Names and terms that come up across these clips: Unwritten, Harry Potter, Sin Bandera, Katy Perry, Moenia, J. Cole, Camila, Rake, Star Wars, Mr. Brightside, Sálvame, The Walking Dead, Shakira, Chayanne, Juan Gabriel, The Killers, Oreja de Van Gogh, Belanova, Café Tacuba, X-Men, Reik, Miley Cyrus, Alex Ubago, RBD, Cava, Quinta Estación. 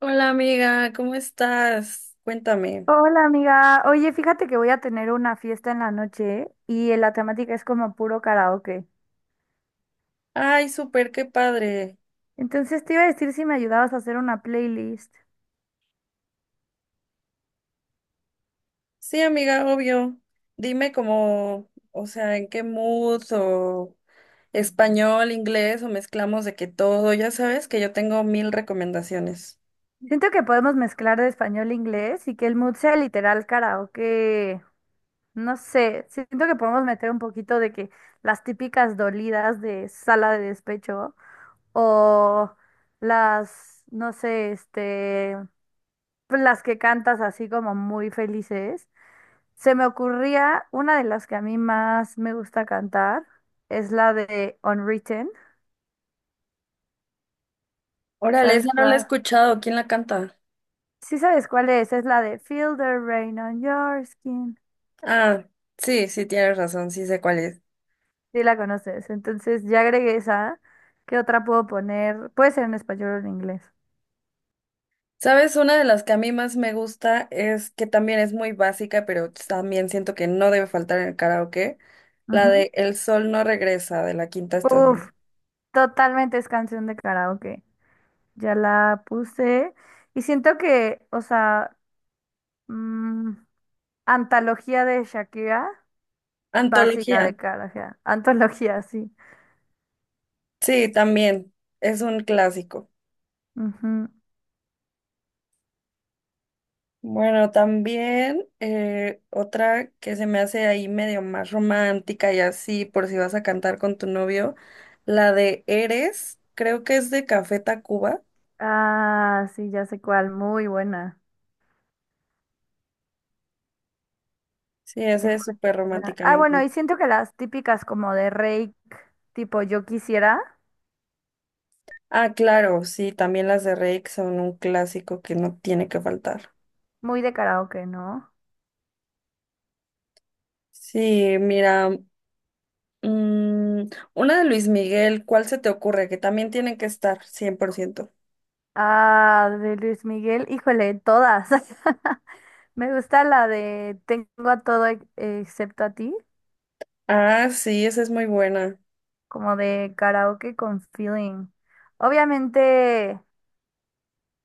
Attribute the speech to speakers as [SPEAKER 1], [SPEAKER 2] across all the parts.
[SPEAKER 1] Hola amiga, ¿cómo estás? Cuéntame.
[SPEAKER 2] Hola amiga, oye, fíjate que voy a tener una fiesta en la noche y la temática es como puro karaoke.
[SPEAKER 1] Ay, súper, qué padre.
[SPEAKER 2] Entonces te iba a decir si me ayudabas a hacer una playlist.
[SPEAKER 1] Sí, amiga, obvio. Dime cómo, o sea, en qué mood o español, inglés o mezclamos de que todo. Ya sabes que yo tengo mil recomendaciones.
[SPEAKER 2] Siento que podemos mezclar de español e inglés y que el mood sea literal karaoke. No sé, siento que podemos meter un poquito de que las típicas dolidas de sala de despecho o las, no sé, pues las que cantas así como muy felices. Se me ocurría una de las que a mí más me gusta cantar, es la de Unwritten.
[SPEAKER 1] Órale,
[SPEAKER 2] ¿Sabes
[SPEAKER 1] esa no la he
[SPEAKER 2] cuál?
[SPEAKER 1] escuchado. ¿Quién la canta?
[SPEAKER 2] Sí, sabes cuál es la de Feel the rain on your skin.
[SPEAKER 1] Ah, sí, sí, tienes razón, sí sé cuál es.
[SPEAKER 2] Sí, la conoces. Entonces ya agregué esa. ¿Qué otra puedo poner? Puede ser en español o en inglés.
[SPEAKER 1] Sabes, una de las que a mí más me gusta es que también es muy básica, pero también siento que no debe faltar en el karaoke, la de El sol no regresa de la Quinta
[SPEAKER 2] Ujú. Uf,
[SPEAKER 1] Estación.
[SPEAKER 2] totalmente es canción de karaoke. Ya la puse. Y siento que, o sea, mm, antología de Shakira, básica de
[SPEAKER 1] Antología.
[SPEAKER 2] karaoke. Antología, sí.
[SPEAKER 1] Sí, también es un clásico.
[SPEAKER 2] Ujú.
[SPEAKER 1] Bueno, también otra que se me hace ahí medio más romántica y así, por si vas a cantar con tu novio, la de Eres, creo que es de Café Tacuba.
[SPEAKER 2] Ah, sí, ya sé cuál, muy buena.
[SPEAKER 1] Sí, esa es
[SPEAKER 2] Déjame
[SPEAKER 1] súper
[SPEAKER 2] pensar.
[SPEAKER 1] romántica,
[SPEAKER 2] Ah,
[SPEAKER 1] me
[SPEAKER 2] bueno,
[SPEAKER 1] encanta.
[SPEAKER 2] y siento que las típicas como de Reik, tipo Yo quisiera,
[SPEAKER 1] Ah, claro, sí, también las de Rake son un clásico que no tiene que faltar.
[SPEAKER 2] muy de karaoke, ¿no?
[SPEAKER 1] Sí, mira, mm, una de Luis Miguel, ¿cuál se te ocurre? Que también tiene que estar, cien por ciento.
[SPEAKER 2] Ah, de Luis Miguel, híjole, todas. Me gusta la de Tengo a todo ex- excepto a ti,
[SPEAKER 1] Ah, sí, esa es muy buena.
[SPEAKER 2] como de karaoke con feeling. Obviamente,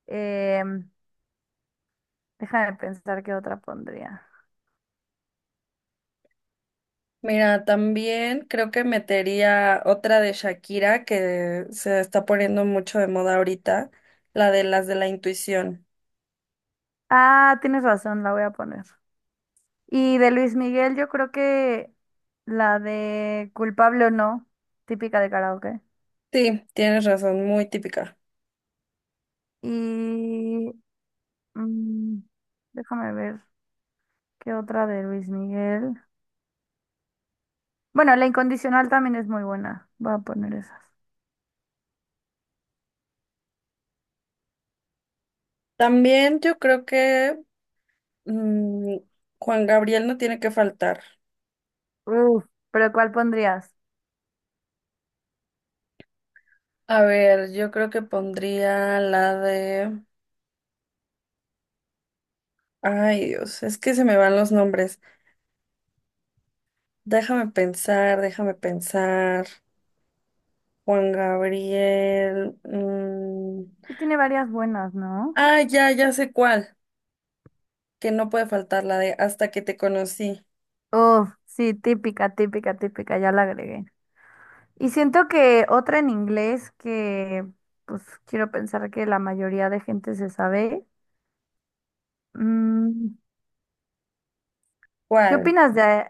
[SPEAKER 2] em, déjame pensar qué otra pondría.
[SPEAKER 1] Mira, también creo que metería otra de Shakira que se está poniendo mucho de moda ahorita, la de las de la intuición.
[SPEAKER 2] Ah, tienes razón, la voy a poner. Y de Luis Miguel, yo creo que la de culpable o no, típica de karaoke.
[SPEAKER 1] Sí, tienes razón, muy típica.
[SPEAKER 2] Y mm, déjame ver qué otra de Luis Miguel. Bueno, la incondicional también es muy buena. Voy a poner esas.
[SPEAKER 1] También yo creo que mm, Juan Gabriel no tiene que faltar.
[SPEAKER 2] Uf, pero ¿cuál pondrías?
[SPEAKER 1] A ver, yo creo que pondría la de... Ay, Dios, es que se me van los nombres. Déjame pensar, déjame pensar. Juan Gabriel.
[SPEAKER 2] Sí tiene varias buenas, ¿no?
[SPEAKER 1] Ah, ya, ya sé cuál. Que no puede faltar la de Hasta que te conocí.
[SPEAKER 2] Uf, sí, típica, típica, típica, ya la agregué. Y siento que otra en inglés que pues quiero pensar que la mayoría de gente se sabe. mm, ¿Qué
[SPEAKER 1] ¿Cuál?
[SPEAKER 2] opinas de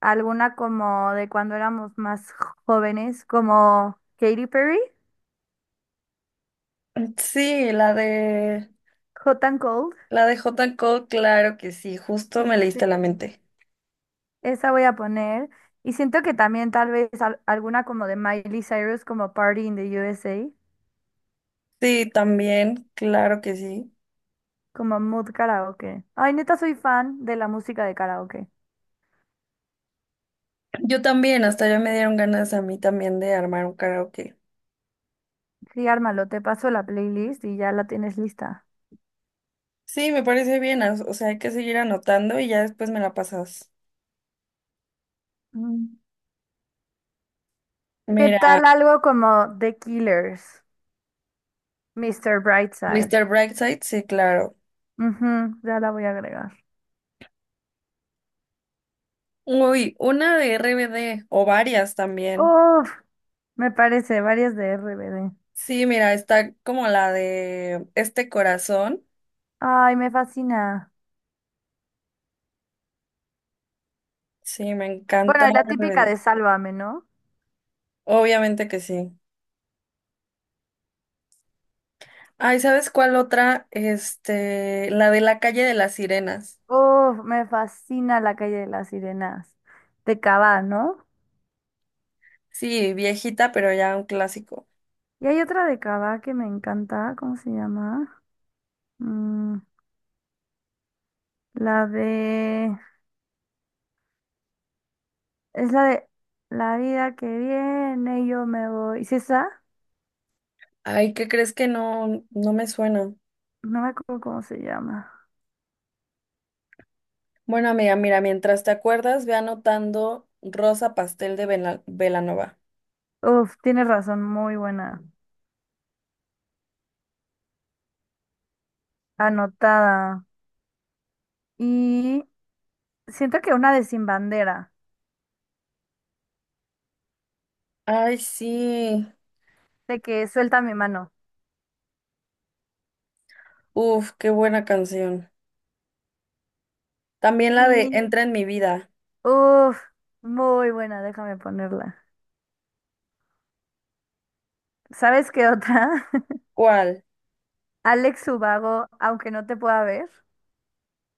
[SPEAKER 2] alguna como de cuando éramos más jóvenes, como Katy Perry,
[SPEAKER 1] Sí, la de...
[SPEAKER 2] Hot and Cold?
[SPEAKER 1] La de J. Cole, claro que sí. Justo me leíste la
[SPEAKER 2] Sí.
[SPEAKER 1] mente.
[SPEAKER 2] Esa voy a poner. Y siento que también tal vez alguna como de Miley Cyrus, como Party in the USA,
[SPEAKER 1] Sí, también, claro que sí.
[SPEAKER 2] como Mood Karaoke. Ay, neta, soy fan de la música de karaoke.
[SPEAKER 1] Yo también, hasta ya me dieron ganas a mí también de armar un karaoke.
[SPEAKER 2] Sí, ármalo, te paso la playlist y ya la tienes lista.
[SPEAKER 1] Sí, me parece bien, o sea, hay que seguir anotando y ya después me la pasas.
[SPEAKER 2] Mm. ¿Qué
[SPEAKER 1] Mira,
[SPEAKER 2] tal algo como The Killers, Mr. Brightside?
[SPEAKER 1] Mr. Brightside, sí, claro.
[SPEAKER 2] Ujú, ya la voy a agregar.
[SPEAKER 1] Uy, una de RBD o varias también.
[SPEAKER 2] Uf. Me parece, varias de RBD.
[SPEAKER 1] Sí, mira, está como la de Este Corazón.
[SPEAKER 2] Ay, me fascina.
[SPEAKER 1] Sí, me encanta
[SPEAKER 2] Bueno, y la típica de
[SPEAKER 1] RBD.
[SPEAKER 2] Sálvame, ¿no?
[SPEAKER 1] Obviamente que sí. Ay, ¿sabes cuál otra? Este, la de La calle de las sirenas.
[SPEAKER 2] Uf, me fascina La calle de las sirenas. De Cava, ¿no?
[SPEAKER 1] Sí, viejita, pero ya un clásico.
[SPEAKER 2] Y hay otra de Cava que me encanta. ¿Cómo se llama? Mm, la de... Es la de La vida que viene, yo me voy. ¿Sí es esa?
[SPEAKER 1] Ay, ¿qué crees que no, no me suena?
[SPEAKER 2] No me acuerdo cómo se llama.
[SPEAKER 1] Bueno, amiga, mira, mientras te acuerdas, ve anotando Rosa Pastel de Vela- Belanova.
[SPEAKER 2] Uf, tienes razón, muy buena. Anotada. Y siento que una de Sin Bandera,
[SPEAKER 1] Ay, sí.
[SPEAKER 2] de que suelta mi mano.
[SPEAKER 1] Uf, qué buena canción. También la de
[SPEAKER 2] Y,
[SPEAKER 1] Entra en mi vida.
[SPEAKER 2] uf, muy buena, déjame ponerla. ¿Sabes qué otra?
[SPEAKER 1] ¿Cuál?
[SPEAKER 2] Alex Ubago, aunque no te pueda ver.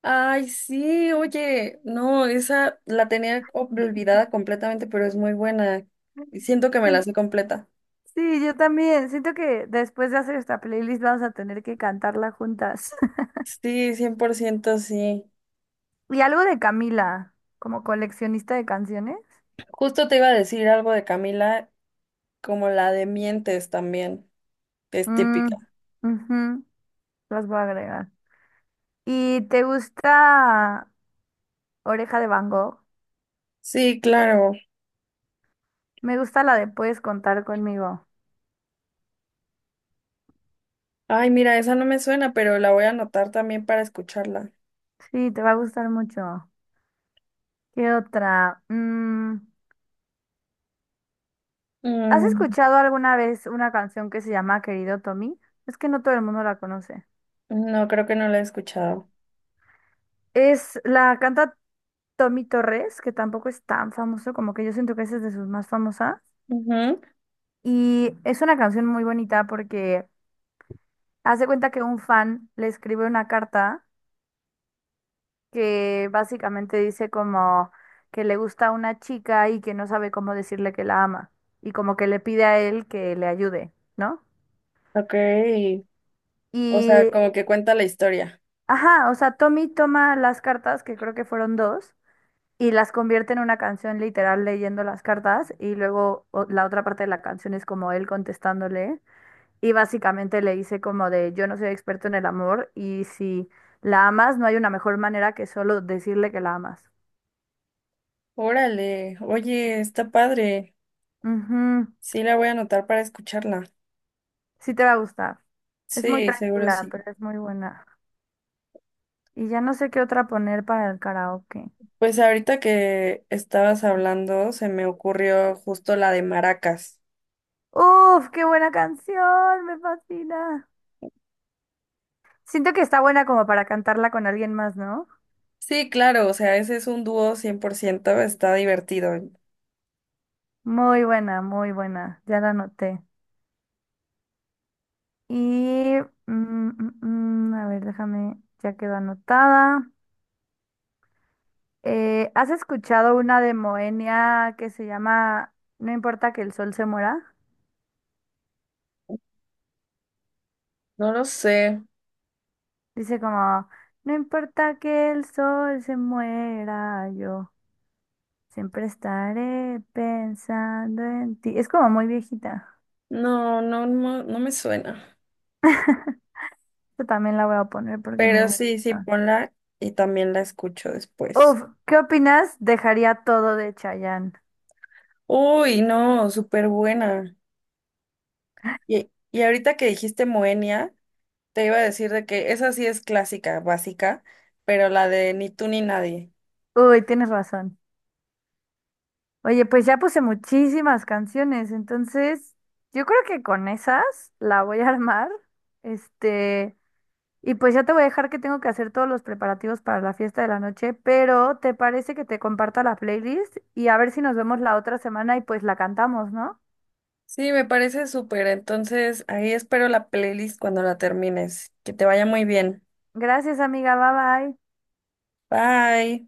[SPEAKER 1] Ay, sí, oye, no, esa la tenía olvidada completamente, pero es muy buena. Y siento que me la
[SPEAKER 2] Sien-
[SPEAKER 1] sé completa.
[SPEAKER 2] Sí, yo también. Siento que después de hacer esta playlist vamos a tener que cantarla juntas.
[SPEAKER 1] Sí, 100% sí.
[SPEAKER 2] Y algo de Camila, como coleccionista de canciones.
[SPEAKER 1] Justo te iba a decir algo de Camila, como la de Mientes también, que es
[SPEAKER 2] Mm,
[SPEAKER 1] típica.
[SPEAKER 2] ujú, las voy a agregar. ¿Y te gusta Oreja de Van Gogh?
[SPEAKER 1] Sí, claro.
[SPEAKER 2] Me gusta la de Puedes contar conmigo.
[SPEAKER 1] Ay, mira, esa no me suena, pero la voy a anotar también para escucharla.
[SPEAKER 2] Sí, te va a gustar mucho. ¿Qué otra? ¿Has
[SPEAKER 1] Mm,
[SPEAKER 2] escuchado alguna vez una canción que se llama Querido Tommy? Es que no todo el mundo la conoce.
[SPEAKER 1] no, creo que no la he escuchado.
[SPEAKER 2] Es la canta Tommy Torres, que tampoco es tan famoso, como que yo siento que esa es de sus más famosas.
[SPEAKER 1] Ujú.
[SPEAKER 2] Y es una canción muy bonita porque hace cuenta que un fan le escribe una carta que básicamente dice como que le gusta una chica y que no sabe cómo decirle que la ama. Y como que le pide a él que le ayude, ¿no?
[SPEAKER 1] Ok, o sea,
[SPEAKER 2] Y
[SPEAKER 1] como que cuenta la historia.
[SPEAKER 2] Ajá, o sea, Tommy toma las cartas, que creo que fueron dos, y las convierte en una canción literal leyendo las cartas, y luego la otra parte de la canción es como él contestándole, y básicamente le dice como de yo no soy experto en el amor, y si la amas, no hay una mejor manera que solo decirle que la amas.
[SPEAKER 1] Órale, oye, está padre.
[SPEAKER 2] Ujú,
[SPEAKER 1] Sí, la voy a anotar para escucharla.
[SPEAKER 2] sí te va a gustar. Es muy
[SPEAKER 1] Sí, seguro
[SPEAKER 2] tranquila,
[SPEAKER 1] sí.
[SPEAKER 2] pero es muy buena. Y ya no sé qué otra poner para el karaoke.
[SPEAKER 1] Pues ahorita que estabas hablando, se me ocurrió justo la de Maracas.
[SPEAKER 2] Uf, qué buena canción, me fascina. Siento que está buena como para cantarla con alguien más, ¿no?
[SPEAKER 1] Sí, claro, o sea, ese es un dúo 100%, está divertido.
[SPEAKER 2] Muy buena, muy buena. Ya la anoté. Y, mm, mm, a ver, déjame, ya quedó anotada. ¿Has escuchado una de Moenia que se llama No importa que el sol se muera?
[SPEAKER 1] No lo sé.
[SPEAKER 2] Dice como, no importa que el sol se muera, yo siempre estaré pensando en ti. Es como muy viejita.
[SPEAKER 1] No, no, no, no me suena.
[SPEAKER 2] Yo también la voy a poner porque me
[SPEAKER 1] Pero sí, sí,
[SPEAKER 2] gusta.
[SPEAKER 1] ponla y también la escucho después.
[SPEAKER 2] Uf, ¿qué opinas? Dejaría todo de Chayanne.
[SPEAKER 1] Uy, no, súper buena. Y ahorita que dijiste Moenia, te iba a decir de que esa sí es clásica, básica, pero la de Ni tú ni nadie.
[SPEAKER 2] Uy, tienes razón. Oye, pues ya puse muchísimas canciones, entonces yo creo que con esas la voy a armar. Este, y pues ya te voy a dejar que tengo que hacer todos los preparativos para la fiesta de la noche, pero ¿te parece que te comparta la playlist? Y a ver si nos vemos la otra semana y pues la cantamos, ¿no?
[SPEAKER 1] Sí, me parece súper. Entonces, ahí espero la playlist cuando la termines. Que te vaya muy bien.
[SPEAKER 2] Gracias, amiga. Bye bye.
[SPEAKER 1] Bye.